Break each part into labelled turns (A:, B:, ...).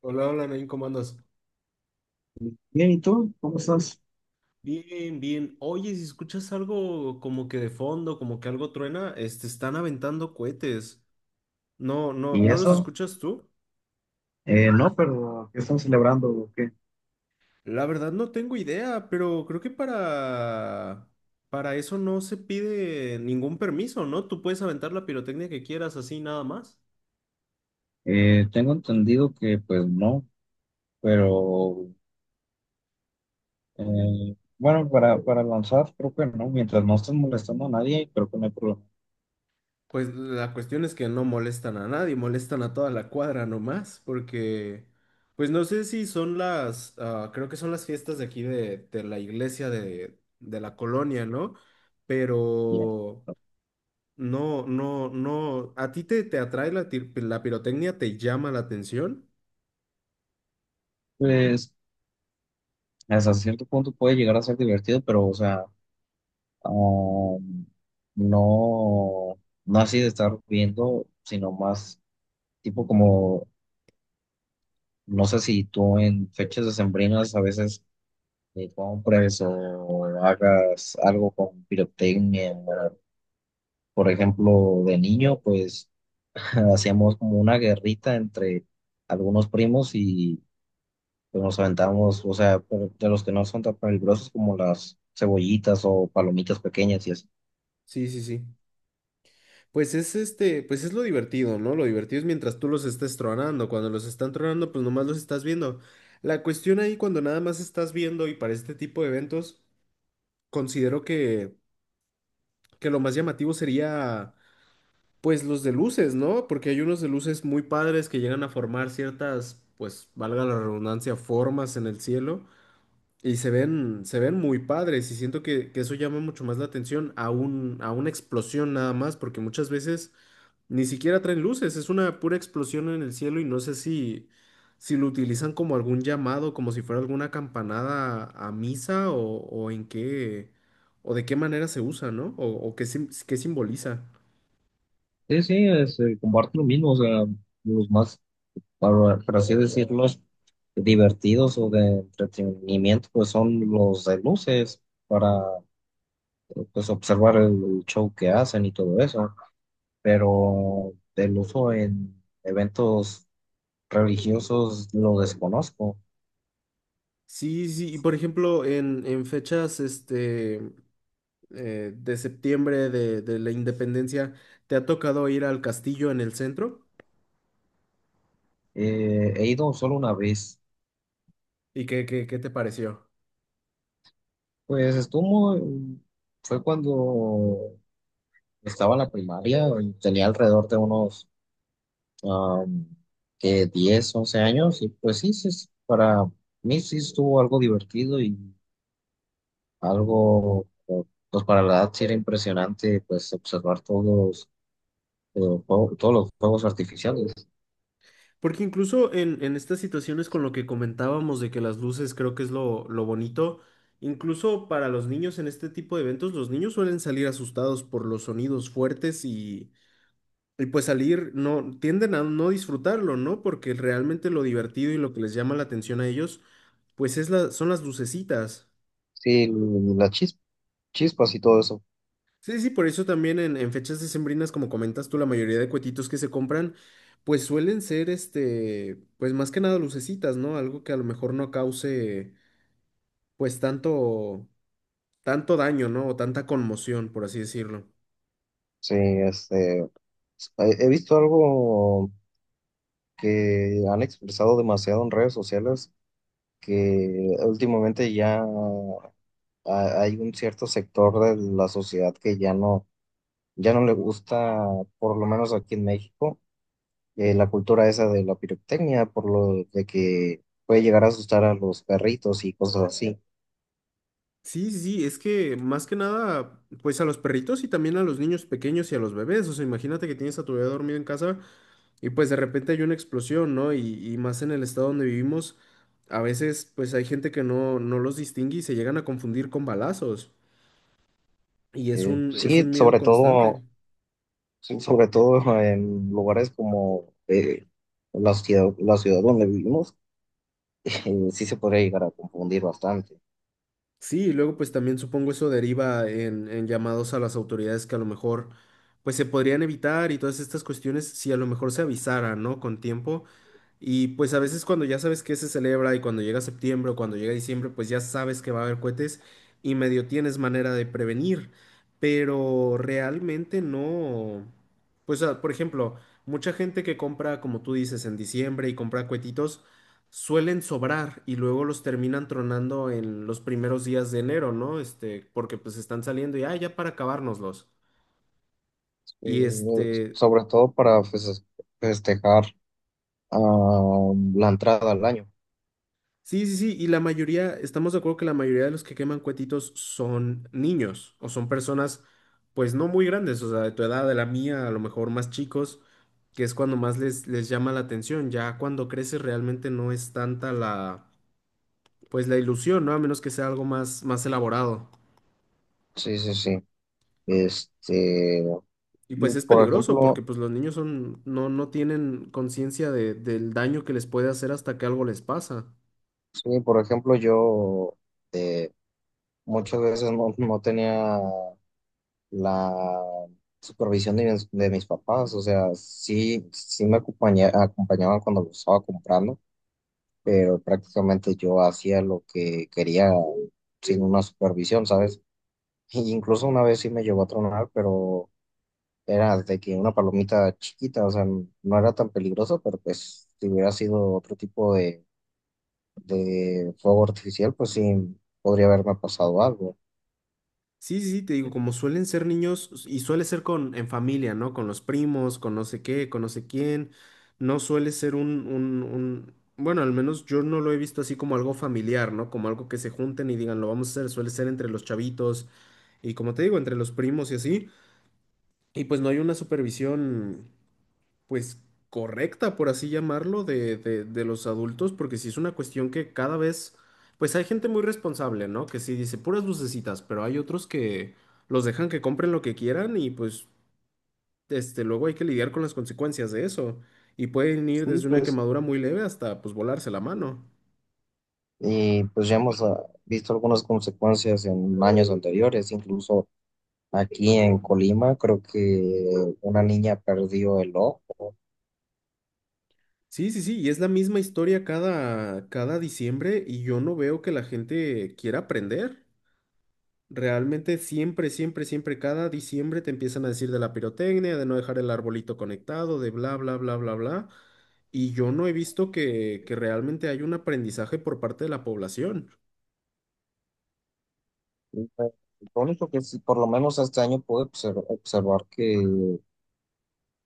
A: Hola, hola, Nain, ¿cómo andas?
B: Bien, ¿y tú? ¿Cómo estás?
A: Bien, bien. Oye, si escuchas algo como que de fondo, como que algo truena, están aventando cohetes. No, no,
B: ¿Y
A: ¿no los
B: eso?
A: escuchas tú?
B: No, pero ¿qué están celebrando o qué?
A: La verdad no tengo idea, pero creo que para eso no se pide ningún permiso, ¿no? Tú puedes aventar la pirotecnia que quieras así nada más.
B: Tengo entendido que pues no, pero bueno, para lanzar creo que no, mientras no estés molestando a nadie, creo que no hay problema.
A: Pues la cuestión es que no molestan a nadie, molestan a toda la cuadra nomás, porque, pues no sé si son las, ah, creo que son las fiestas de aquí de la iglesia de la colonia, ¿no?
B: Ya.
A: Pero no, no, no, ¿a ti te atrae la, la pirotecnia? ¿Te llama la atención?
B: Pues hasta cierto punto puede llegar a ser divertido, pero o sea, um, no, no así de estar viendo, sino más tipo como, no sé si tú en fechas decembrinas a veces que compres o hagas algo con pirotecnia, ¿verdad? Por ejemplo, de niño, pues hacíamos como una guerrita entre algunos primos y pues, nos aventamos, o sea, pero de los que no son tan peligrosos como las cebollitas o palomitas pequeñas y así.
A: Sí, sí, sí. Pues es este, pues es lo divertido, ¿no? Lo divertido es mientras tú los estés tronando. Cuando los están tronando, pues nomás los estás viendo. La cuestión ahí, cuando nada más estás viendo y para este tipo de eventos, considero que lo más llamativo sería, pues, los de luces, ¿no? Porque hay unos de luces muy padres que llegan a formar ciertas, pues, valga la redundancia, formas en el cielo y se ven muy padres y siento que eso llama mucho más la atención a un, a una explosión nada más, porque muchas veces... Ni siquiera traen luces, es una pura explosión en el cielo y no sé si, si lo utilizan como algún llamado, como si fuera alguna campanada a misa o en qué, o de qué manera se usa, ¿no? O qué, qué simboliza.
B: Sí, sí, es, comparto lo mismo, o sea, los más, por así decirlo, divertidos o de entretenimiento, pues son los de luces para pues observar el show que hacen y todo eso, pero el uso en eventos religiosos lo desconozco.
A: Sí, sí, y por ejemplo, en fechas de septiembre de la independencia, ¿te ha tocado ir al castillo en el centro?
B: He ido solo una vez,
A: ¿Y qué, qué, qué te pareció?
B: pues estuvo, fue cuando estaba en la primaria, tenía alrededor de unos am, que 10, 11 años, y pues sí, sí, sí, para mí sí estuvo algo divertido y algo, pues para la edad sí era impresionante, pues observar todos todos los juegos artificiales.
A: Porque incluso en estas situaciones con lo que comentábamos de que las luces creo que es lo bonito, incluso para los niños en este tipo de eventos, los niños suelen salir asustados por los sonidos fuertes y pues salir, no, tienden a no disfrutarlo, ¿no? Porque realmente lo divertido y lo que les llama la atención a ellos, pues es la, son las lucecitas.
B: Sí, las chis- chispas y todo eso.
A: Sí, sí, por eso también en fechas decembrinas, como comentas tú, la mayoría de cuetitos que se compran, pues suelen ser, este, pues más que nada lucecitas, ¿no? Algo que a lo mejor no cause, pues tanto, tanto daño, ¿no? O tanta conmoción, por así decirlo.
B: Sí, este, he visto algo que han expresado demasiado en redes sociales, que últimamente ya hay un cierto sector de la sociedad que ya no le gusta, por lo menos aquí en México, la cultura esa de la pirotecnia, por lo de que puede llegar a asustar a los perritos y cosas así.
A: Sí, sí, sí, es que más que nada, pues a los perritos y también a los niños pequeños y a los bebés, o sea, imagínate que tienes a tu bebé dormido en casa, y pues de repente hay una explosión, ¿no? Y más en el estado donde vivimos, a veces pues hay gente que no, no los distingue y se llegan a confundir con balazos. Y
B: Eh,
A: es
B: sí,
A: un miedo
B: sobre
A: constante.
B: todo Sí, sobre todo en lugares como la ciudad donde vivimos, sí se podría llegar a confundir bastante.
A: Sí, y luego pues también supongo eso deriva en llamados a las autoridades que a lo mejor pues se podrían evitar y todas estas cuestiones si a lo mejor se avisaran, ¿no? Con tiempo. Y pues a veces cuando ya sabes que se celebra y cuando llega septiembre o cuando llega diciembre, pues ya sabes que va a haber cohetes y medio tienes manera de prevenir, pero realmente no. Pues ah, por ejemplo, mucha gente que compra, como tú dices, en diciembre y compra cohetitos, suelen sobrar y luego los terminan tronando en los primeros días de enero, ¿no? Este, porque pues están saliendo y, ah, ya para acabárnoslos.
B: Eh,
A: Y este,
B: Sobre todo para festejar la entrada al año.
A: sí, sí, sí, y la mayoría, estamos de acuerdo que la mayoría de los que queman cuetitos son niños o son personas pues no muy grandes, o sea, de tu edad, de la mía, a lo mejor más chicos, que es cuando más les, les llama la atención, ya cuando creces realmente no es tanta la pues la ilusión, ¿no? A menos que sea algo más, más elaborado.
B: Sí, sí, sí. Este,
A: Y pues es
B: por
A: peligroso porque
B: ejemplo,
A: pues los niños son, no, no tienen conciencia de- del daño que les puede hacer hasta que algo les pasa.
B: sí, por ejemplo, yo eh, muchas veces no tenía la supervisión de de mis papás, o sea, sí, acompañaban cuando lo estaba comprando, pero prácticamente yo hacía lo que quería sin una supervisión, ¿sabes? Y incluso una vez sí me llegó a tronar, pero era de que una palomita chiquita, o sea, no era tan peligroso, pero pues si hubiera sido otro tipo de fuego artificial, pues sí podría haberme pasado algo.
A: Sí, sí, sí, te digo, como suelen ser niños y suele ser con en familia, ¿no? Con los primos, con no sé qué, con no sé quién. No suele ser bueno, al menos yo no lo he visto así como algo familiar, ¿no? Como algo que se junten y digan, lo vamos a hacer. Suele ser entre los chavitos y como te digo, entre los primos y así. Y pues no hay una supervisión pues correcta, por así llamarlo, de los adultos, porque sí es una cuestión que cada vez, pues hay gente muy responsable, ¿no? Que sí dice puras lucecitas, pero hay otros que los dejan que compren lo que quieran y pues este, luego hay que lidiar con las consecuencias de eso. Y pueden ir
B: Sí,
A: desde una
B: pues
A: quemadura muy leve hasta pues volarse la mano.
B: y pues ya hemos visto algunas consecuencias en años anteriores, incluso aquí en Colima, creo que una niña perdió el ojo.
A: Sí, sí, sí, y es la misma historia cada, cada diciembre y yo no veo que la gente quiera aprender. Realmente siempre, siempre, siempre, cada diciembre te empiezan a decir de la pirotecnia, de no dejar el arbolito conectado, de bla, bla, bla, bla, bla. Y yo no he visto que realmente hay un aprendizaje por parte de la población.
B: Y, pues, lo único que sí, por lo menos este año observar que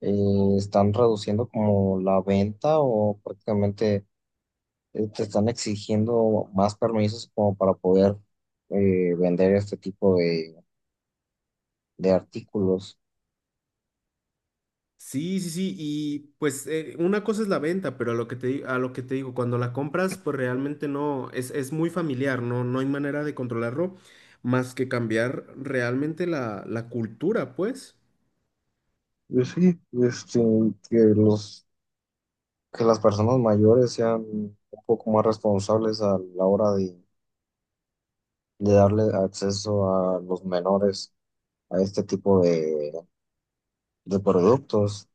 B: están reduciendo como la venta, o prácticamente te están exigiendo más permisos como para poder vender este tipo de artículos.
A: Sí, sí, sí. Y pues una cosa es la venta, pero a lo que te, a lo que te digo, cuando la compras, pues realmente no, es muy familiar, no, no hay manera de controlarlo más que cambiar realmente la, la cultura, pues.
B: Y sí, este, que los, que las personas mayores sean un poco más responsables a la hora de darle acceso a los menores a este tipo de productos.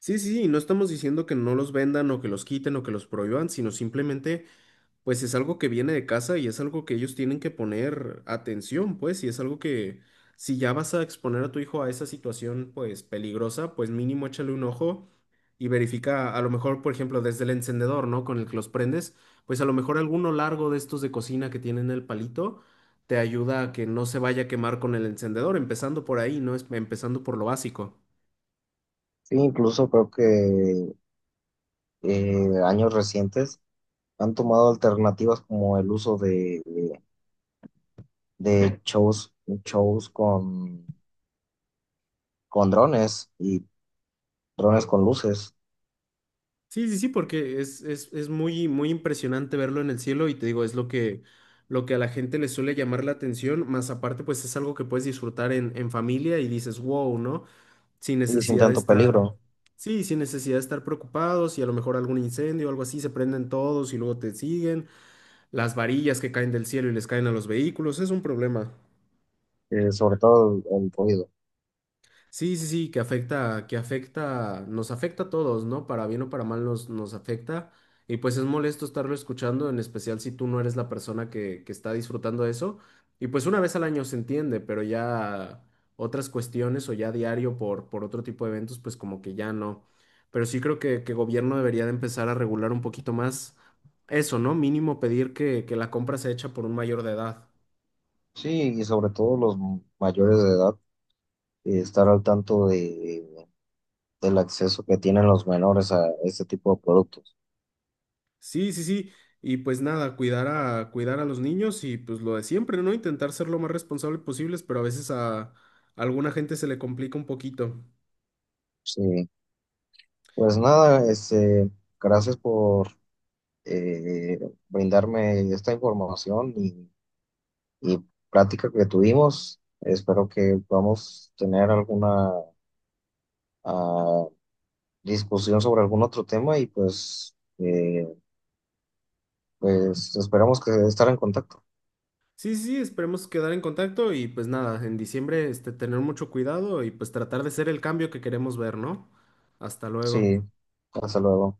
A: Sí, sí, sí, no estamos diciendo que no los vendan o que los quiten o que los prohíban, sino simplemente, pues es algo que viene de casa y es algo que ellos tienen que poner atención, pues, y es algo que si ya vas a exponer a tu hijo a esa situación, pues, peligrosa, pues mínimo échale un ojo y verifica, a lo mejor, por ejemplo, desde el encendedor, ¿no? Con el que los prendes, pues a lo mejor alguno largo de estos de cocina que tienen el palito te ayuda a que no se vaya a quemar con el encendedor, empezando por ahí, ¿no? Empezando por lo básico.
B: Sí, incluso creo que años recientes han tomado alternativas como el uso de shows, shows con drones y drones con luces
A: Sí, sí, sí, porque es muy, muy impresionante verlo en el cielo y te digo, es lo que a la gente le suele llamar la atención, más aparte pues es algo que puedes disfrutar en familia y dices, wow, ¿no? Sin
B: y sin
A: necesidad de
B: tanto
A: estar,
B: peligro,
A: sí, sin necesidad de estar preocupados y a lo mejor algún incendio o algo así, se prenden todos y luego te siguen, las varillas que caen del cielo y les caen a los vehículos, es un problema.
B: sobre todo el ruido.
A: Sí, sí, sí, que afecta, nos afecta a todos, ¿no? Para bien o para mal nos, nos afecta. Y pues es molesto estarlo escuchando, en especial si tú no eres la persona que está disfrutando de eso. Y pues una vez al año se entiende, pero ya otras cuestiones o ya diario por otro tipo de eventos, pues como que ya no. Pero sí creo que gobierno debería de empezar a regular un poquito más eso, ¿no? Mínimo pedir que la compra sea hecha por un mayor de edad.
B: Sí, y sobre todo los mayores de edad, estar al tanto de, del acceso que tienen los menores a este tipo de productos.
A: Sí, sí, sí. Y pues nada, cuidar a, cuidar a los niños y pues lo de siempre, ¿no? Intentar ser lo más responsable posibles, pero a veces a alguna gente se le complica un poquito.
B: Sí, pues nada, este, gracias por eh, brindarme esta información, y plática que tuvimos. Espero que podamos tener alguna ah, discusión sobre algún otro tema y pues, pues esperamos que estar en contacto.
A: Sí, sí, sí, esperemos quedar en contacto y pues nada, en diciembre este, tener mucho cuidado y pues tratar de ser el cambio que queremos ver, ¿no? Hasta luego.
B: Sí, hasta luego.